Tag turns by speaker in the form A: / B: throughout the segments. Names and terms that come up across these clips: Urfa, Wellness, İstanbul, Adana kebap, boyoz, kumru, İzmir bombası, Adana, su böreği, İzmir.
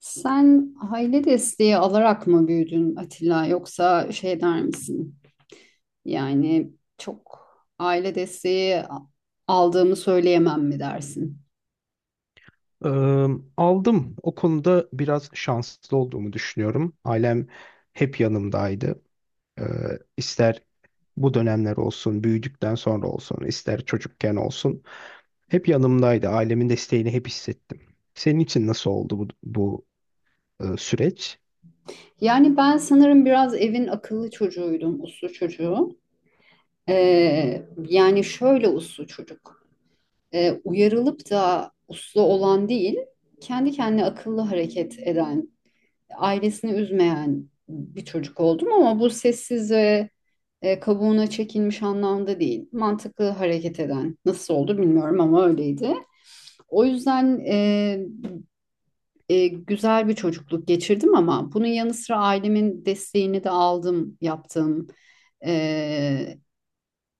A: Sen aile desteği alarak mı büyüdün Atilla yoksa şey der misin? Yani çok aile desteği aldığımı söyleyemem mi dersin?
B: Eee, Aldım. O konuda biraz şanslı olduğumu düşünüyorum. Ailem hep yanımdaydı. İster bu dönemler olsun, büyüdükten sonra olsun, ister çocukken olsun. Hep yanımdaydı. Ailemin desteğini hep hissettim. Senin için nasıl oldu bu süreç?
A: Yani ben sanırım biraz evin akıllı çocuğuydum, uslu çocuğu. Yani şöyle uslu çocuk. Uyarılıp da uslu olan değil, kendi kendine akıllı hareket eden, ailesini üzmeyen bir çocuk oldum ama bu sessiz ve kabuğuna çekilmiş anlamda değil. Mantıklı hareket eden. Nasıl oldu bilmiyorum ama öyleydi. O yüzden güzel bir çocukluk geçirdim ama bunun yanı sıra ailemin desteğini de aldım, yaptım. E,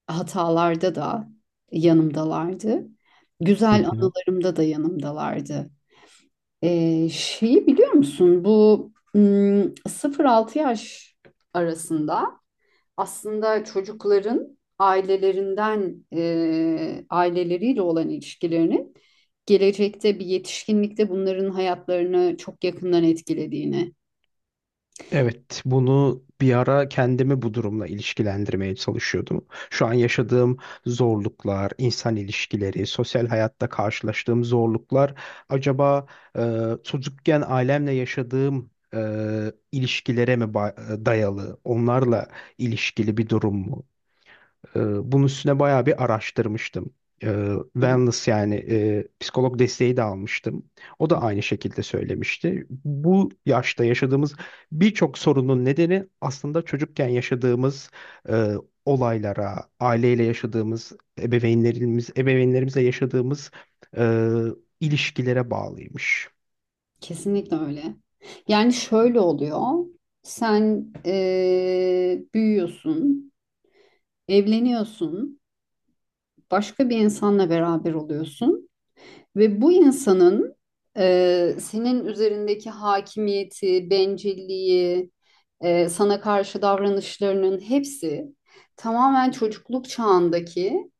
A: hatalarda da yanımdalardı.
B: Hı
A: Güzel
B: hı.
A: anılarımda da yanımdalardı. Şeyi biliyor musun? Bu 0-6 yaş arasında aslında çocukların ailelerinden aileleriyle olan ilişkilerinin gelecekte bir yetişkinlikte bunların hayatlarını çok yakından etkilediğini.
B: Evet, bunu bir ara kendimi bu durumla ilişkilendirmeye çalışıyordum. Şu an yaşadığım zorluklar, insan ilişkileri, sosyal hayatta karşılaştığım zorluklar, acaba çocukken ailemle yaşadığım ilişkilere dayalı, onlarla ilişkili bir durum mu? Ee, Bunun üstüne bayağı bir araştırmıştım.
A: Hı hı.
B: Wellness yani psikolog desteği de almıştım. O da aynı şekilde söylemişti. Bu yaşta yaşadığımız birçok sorunun nedeni aslında çocukken yaşadığımız e, olaylara, aileyle yaşadığımız, ebeveynlerimizle yaşadığımız e, ilişkilere bağlıymış.
A: Kesinlikle öyle. Yani şöyle oluyor. Sen büyüyorsun, evleniyorsun, başka bir insanla beraber oluyorsun ve bu insanın senin üzerindeki hakimiyeti, bencilliği, sana karşı davranışlarının hepsi tamamen çocukluk çağındaki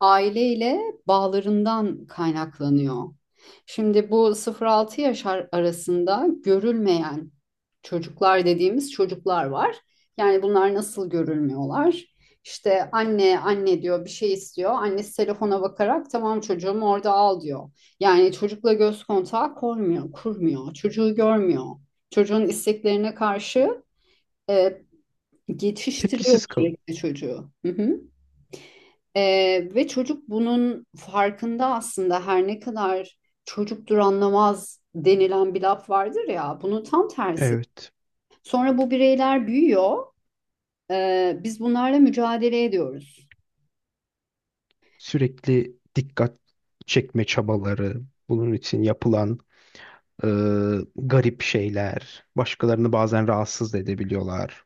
A: aileyle bağlarından kaynaklanıyor. Şimdi bu 0-6 yaş arasında görülmeyen çocuklar dediğimiz çocuklar var. Yani bunlar nasıl görülmüyorlar? İşte anne anne diyor bir şey istiyor. Annesi telefona bakarak tamam çocuğum orada al diyor. Yani çocukla göz kontağı kurmuyor, kurmuyor. Çocuğu görmüyor. Çocuğun isteklerine karşı e, geçiştiriyor
B: Tepkisiz kalın.
A: sürekli çocuğu. Hı hı. Ve çocuk bunun farkında aslında her ne kadar çocuktur anlamaz denilen bir laf vardır ya bunun tam tersi.
B: Evet.
A: Sonra bu bireyler büyüyor. Biz bunlarla mücadele ediyoruz.
B: Sürekli dikkat çekme çabaları, bunun için yapılan Ee, garip şeyler. Başkalarını bazen rahatsız da edebiliyorlar.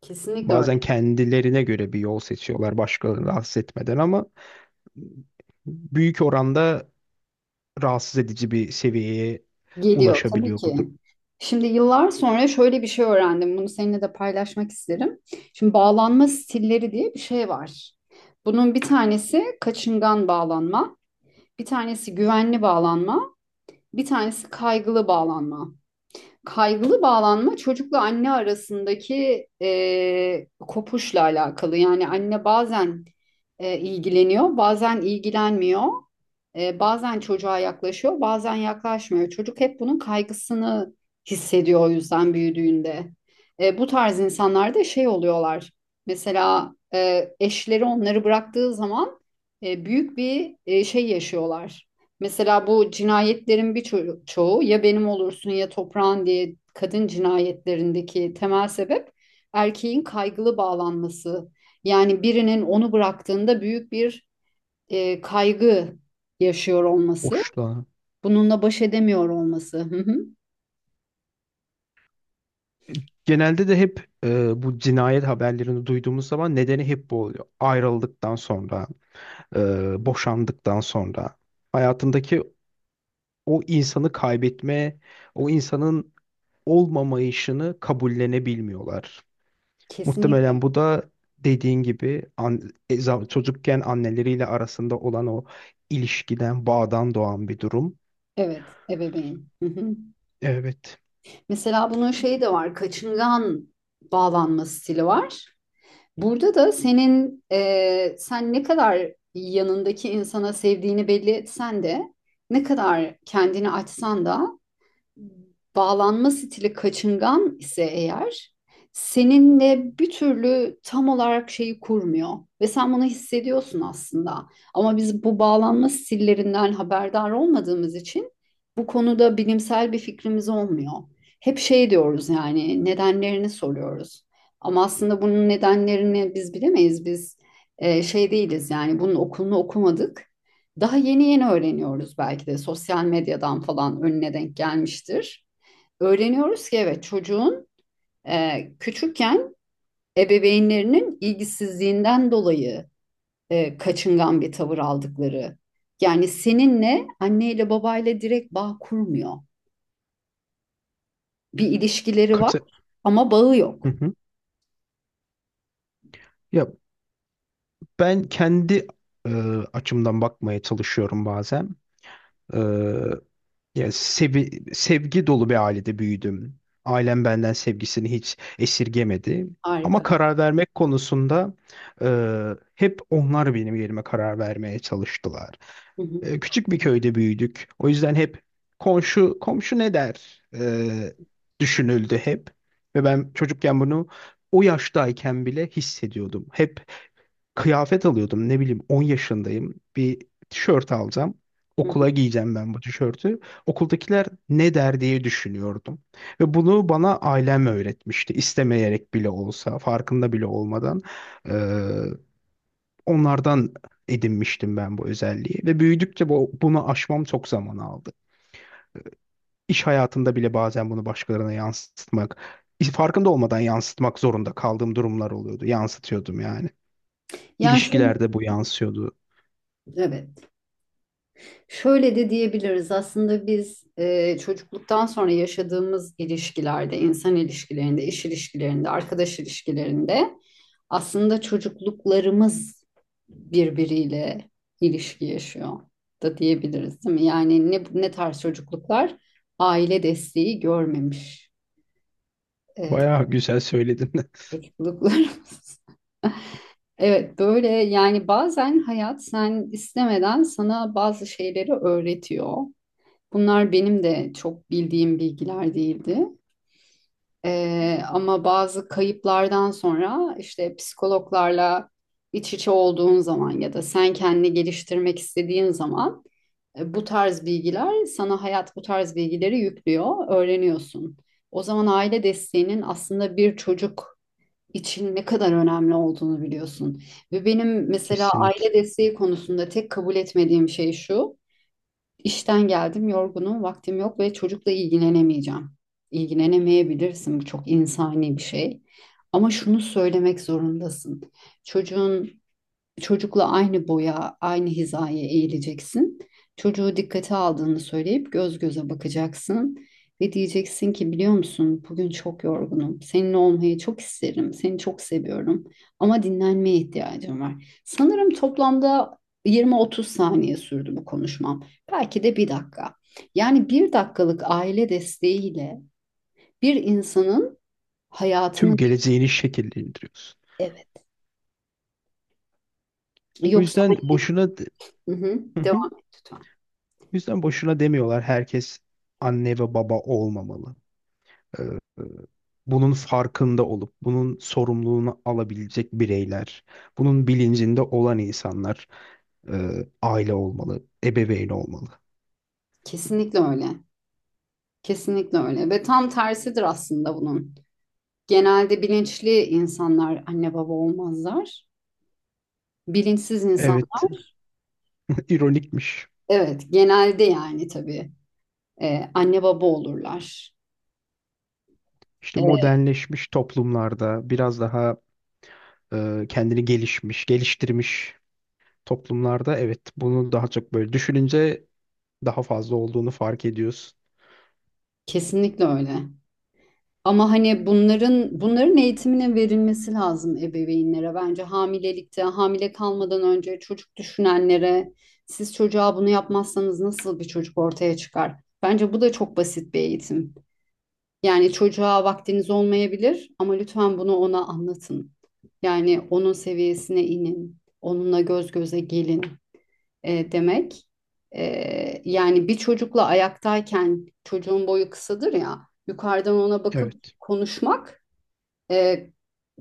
A: Kesinlikle öyle.
B: Bazen kendilerine göre bir yol seçiyorlar başkalarını rahatsız etmeden ama büyük oranda rahatsız edici bir seviyeye
A: Geliyor tabii
B: ulaşabiliyor
A: ki.
B: bu durum.
A: Şimdi yıllar sonra şöyle bir şey öğrendim. Bunu seninle de paylaşmak isterim. Şimdi bağlanma stilleri diye bir şey var. Bunun bir tanesi kaçıngan bağlanma, bir tanesi güvenli bağlanma, bir tanesi kaygılı bağlanma. Kaygılı bağlanma çocukla anne arasındaki kopuşla alakalı. Yani anne bazen ilgileniyor, bazen ilgilenmiyor, bazen çocuğa yaklaşıyor, bazen yaklaşmıyor. Çocuk hep bunun kaygısını hissediyor o yüzden büyüdüğünde. Bu tarz insanlar da şey oluyorlar. Mesela eşleri onları bıraktığı zaman büyük bir şey yaşıyorlar. Mesela bu cinayetlerin bir çoğu ya benim olursun ya toprağın diye kadın cinayetlerindeki temel sebep erkeğin kaygılı bağlanması. Yani birinin onu bıraktığında büyük bir kaygı yaşıyor olması,
B: Hoşla.
A: bununla baş edemiyor olması. Hı hı.
B: Genelde de hep bu cinayet haberlerini duyduğumuz zaman nedeni hep bu oluyor. Ayrıldıktan sonra, boşandıktan sonra hayatındaki o insanı kaybetme, o insanın olmamayışını kabullenebilmiyorlar.
A: Kesinlikle.
B: Muhtemelen bu da dediğin gibi çocukken anneleriyle arasında olan o ilişkiden, bağdan doğan bir durum.
A: Evet, ebeveyn. Hı hı.
B: Evet.
A: Mesela bunun şeyi de var, kaçıngan bağlanma stili var. Burada da sen ne kadar yanındaki insana sevdiğini belli etsen de ne kadar kendini açsan da bağlanma stili kaçıngan ise eğer seninle bir türlü tam olarak şeyi kurmuyor ve sen bunu hissediyorsun aslında. Ama biz bu bağlanma stillerinden haberdar olmadığımız için bu konuda bilimsel bir fikrimiz olmuyor. Hep şey diyoruz yani nedenlerini soruyoruz. Ama aslında bunun nedenlerini biz bilemeyiz. Biz şey değiliz yani bunun okulunu okumadık. Daha yeni yeni öğreniyoruz belki de sosyal medyadan falan önüne denk gelmiştir. Öğreniyoruz ki evet çocuğun küçükken ebeveynlerinin ilgisizliğinden dolayı kaçıngan bir tavır aldıkları. Yani seninle anneyle babayla direkt bağ kurmuyor. Bir ilişkileri var
B: Katı.
A: ama bağı
B: Hı
A: yok.
B: hı. Ya ben kendi e, açımdan bakmaya çalışıyorum bazen. E, Ya sevgi dolu bir ailede büyüdüm. Ailem benden sevgisini hiç esirgemedi. Ama
A: Harika.
B: karar vermek konusunda e, hep onlar benim yerime karar vermeye çalıştılar.
A: Hı hı,
B: E, küçük bir köyde büyüdük. O yüzden hep komşu komşu ne der, düşünüldü hep. Ve ben çocukken bunu o yaştayken bile hissediyordum. Hep kıyafet alıyordum. Ne bileyim 10 yaşındayım. Bir tişört alacağım.
A: hı hı.
B: Okula giyeceğim ben bu tişörtü. Okuldakiler ne der diye düşünüyordum. Ve bunu bana ailem öğretmişti. İstemeyerek bile olsa, farkında bile olmadan. Ee, Onlardan edinmiştim ben bu özelliği ve büyüdükçe bunu aşmam çok zaman aldı. İş hayatında bile bazen bunu başkalarına yansıtmak, farkında olmadan yansıtmak zorunda kaldığım durumlar oluyordu. Yansıtıyordum yani.
A: Yani şöyle,
B: İlişkilerde bu yansıyordu.
A: evet. Şöyle de diyebiliriz aslında biz çocukluktan sonra yaşadığımız ilişkilerde, insan ilişkilerinde, iş ilişkilerinde, arkadaş ilişkilerinde aslında çocukluklarımız birbiriyle ilişki yaşıyor da diyebiliriz değil mi? Yani ne, ne tarz çocukluklar? Aile desteği görmemiş e,
B: Bayağı güzel söyledin.
A: çocukluklarımız. Evet böyle yani bazen hayat sen istemeden sana bazı şeyleri öğretiyor. Bunlar benim de çok bildiğim bilgiler değildi. Ama bazı kayıplardan sonra işte psikologlarla iç içe olduğun zaman ya da sen kendini geliştirmek istediğin zaman bu tarz bilgiler sana hayat bu tarz bilgileri yüklüyor, öğreniyorsun. O zaman aile desteğinin aslında bir çocuk için ne kadar önemli olduğunu biliyorsun. Ve benim mesela aile
B: Kesinlikle.
A: desteği konusunda tek kabul etmediğim şey şu. İşten geldim, yorgunum, vaktim yok ve çocukla ilgilenemeyeceğim. İlgilenemeyebilirsin, bu çok insani bir şey. Ama şunu söylemek zorundasın. Çocuğun Çocukla aynı boya, aynı hizaya eğileceksin. Çocuğu dikkate aldığını söyleyip göz göze bakacaksın ve diyeceksin ki biliyor musun bugün çok yorgunum. Seninle olmayı çok isterim. Seni çok seviyorum ama dinlenmeye ihtiyacım var. Sanırım toplamda 20-30 saniye sürdü bu konuşmam. Belki de bir dakika. Yani bir dakikalık aile desteğiyle bir insanın hayatını
B: Tüm geleceğini
A: değiştirir.
B: şekillendiriyorsun.
A: Evet.
B: O
A: Yoksa
B: yüzden
A: hani,
B: boşuna de-
A: hı hı,
B: Hı hı. O
A: devam et lütfen.
B: yüzden boşuna demiyorlar, herkes anne ve baba olmamalı. Ee, Bunun farkında olup bunun sorumluluğunu alabilecek bireyler, bunun bilincinde olan insanlar e, aile olmalı, ebeveyn olmalı.
A: Kesinlikle öyle. Kesinlikle öyle ve tam tersidir aslında bunun. Genelde bilinçli insanlar anne baba olmazlar. Bilinçsiz
B: Evet,
A: insanlar
B: ironikmiş.
A: evet genelde yani tabii anne baba olurlar.
B: İşte
A: E,
B: modernleşmiş toplumlarda biraz daha geliştirmiş toplumlarda evet bunu daha çok böyle düşününce daha fazla olduğunu fark ediyorsun.
A: kesinlikle öyle. Ama hani bunların eğitiminin verilmesi lazım ebeveynlere bence hamilelikte, hamile kalmadan önce çocuk düşünenlere siz çocuğa bunu yapmazsanız nasıl bir çocuk ortaya çıkar? Bence bu da çok basit bir eğitim. Yani çocuğa vaktiniz olmayabilir ama lütfen bunu ona anlatın. Yani onun seviyesine inin, onunla göz göze gelin demek. Yani bir çocukla ayaktayken çocuğun boyu kısadır ya, yukarıdan ona bakıp
B: Evet.
A: konuşmak e,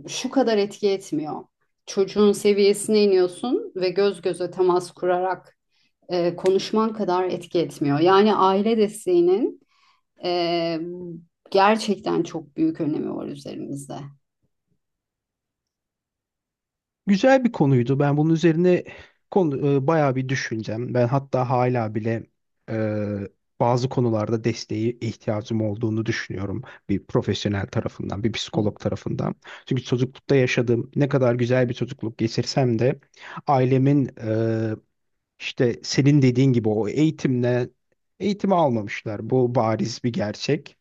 A: şu kadar etki etmiyor. Çocuğun seviyesine iniyorsun ve göz göze temas kurarak konuşman kadar etki etmiyor. Yani aile desteğinin ee, gerçekten çok büyük önemi var üzerimizde.
B: Güzel bir konuydu. Ben bunun üzerine bayağı bir düşüneceğim. Ben hatta hala bile e, bazı konularda desteğe ihtiyacım olduğunu düşünüyorum. Bir profesyonel tarafından, bir
A: Evet,
B: psikolog tarafından. Çünkü çocuklukta yaşadığım ne kadar güzel bir çocukluk geçirsem de ailemin işte senin dediğin gibi o eğitimle eğitimi almamışlar. Bu bariz bir gerçek.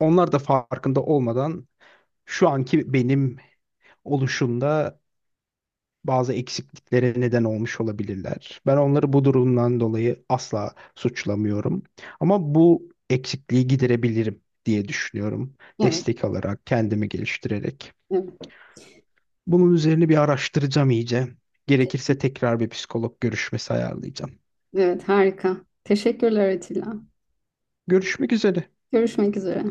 B: Onlar da farkında olmadan şu anki benim oluşumda bazı eksikliklere neden olmuş olabilirler. Ben onları bu durumdan dolayı asla suçlamıyorum. Ama bu eksikliği giderebilirim diye düşünüyorum.
A: evet,
B: Destek alarak, kendimi geliştirerek.
A: evet,
B: Bunun üzerine bir araştıracağım iyice. Gerekirse tekrar bir psikolog görüşmesi ayarlayacağım.
A: evet harika. Teşekkürler Atilla.
B: Görüşmek üzere.
A: Görüşmek üzere.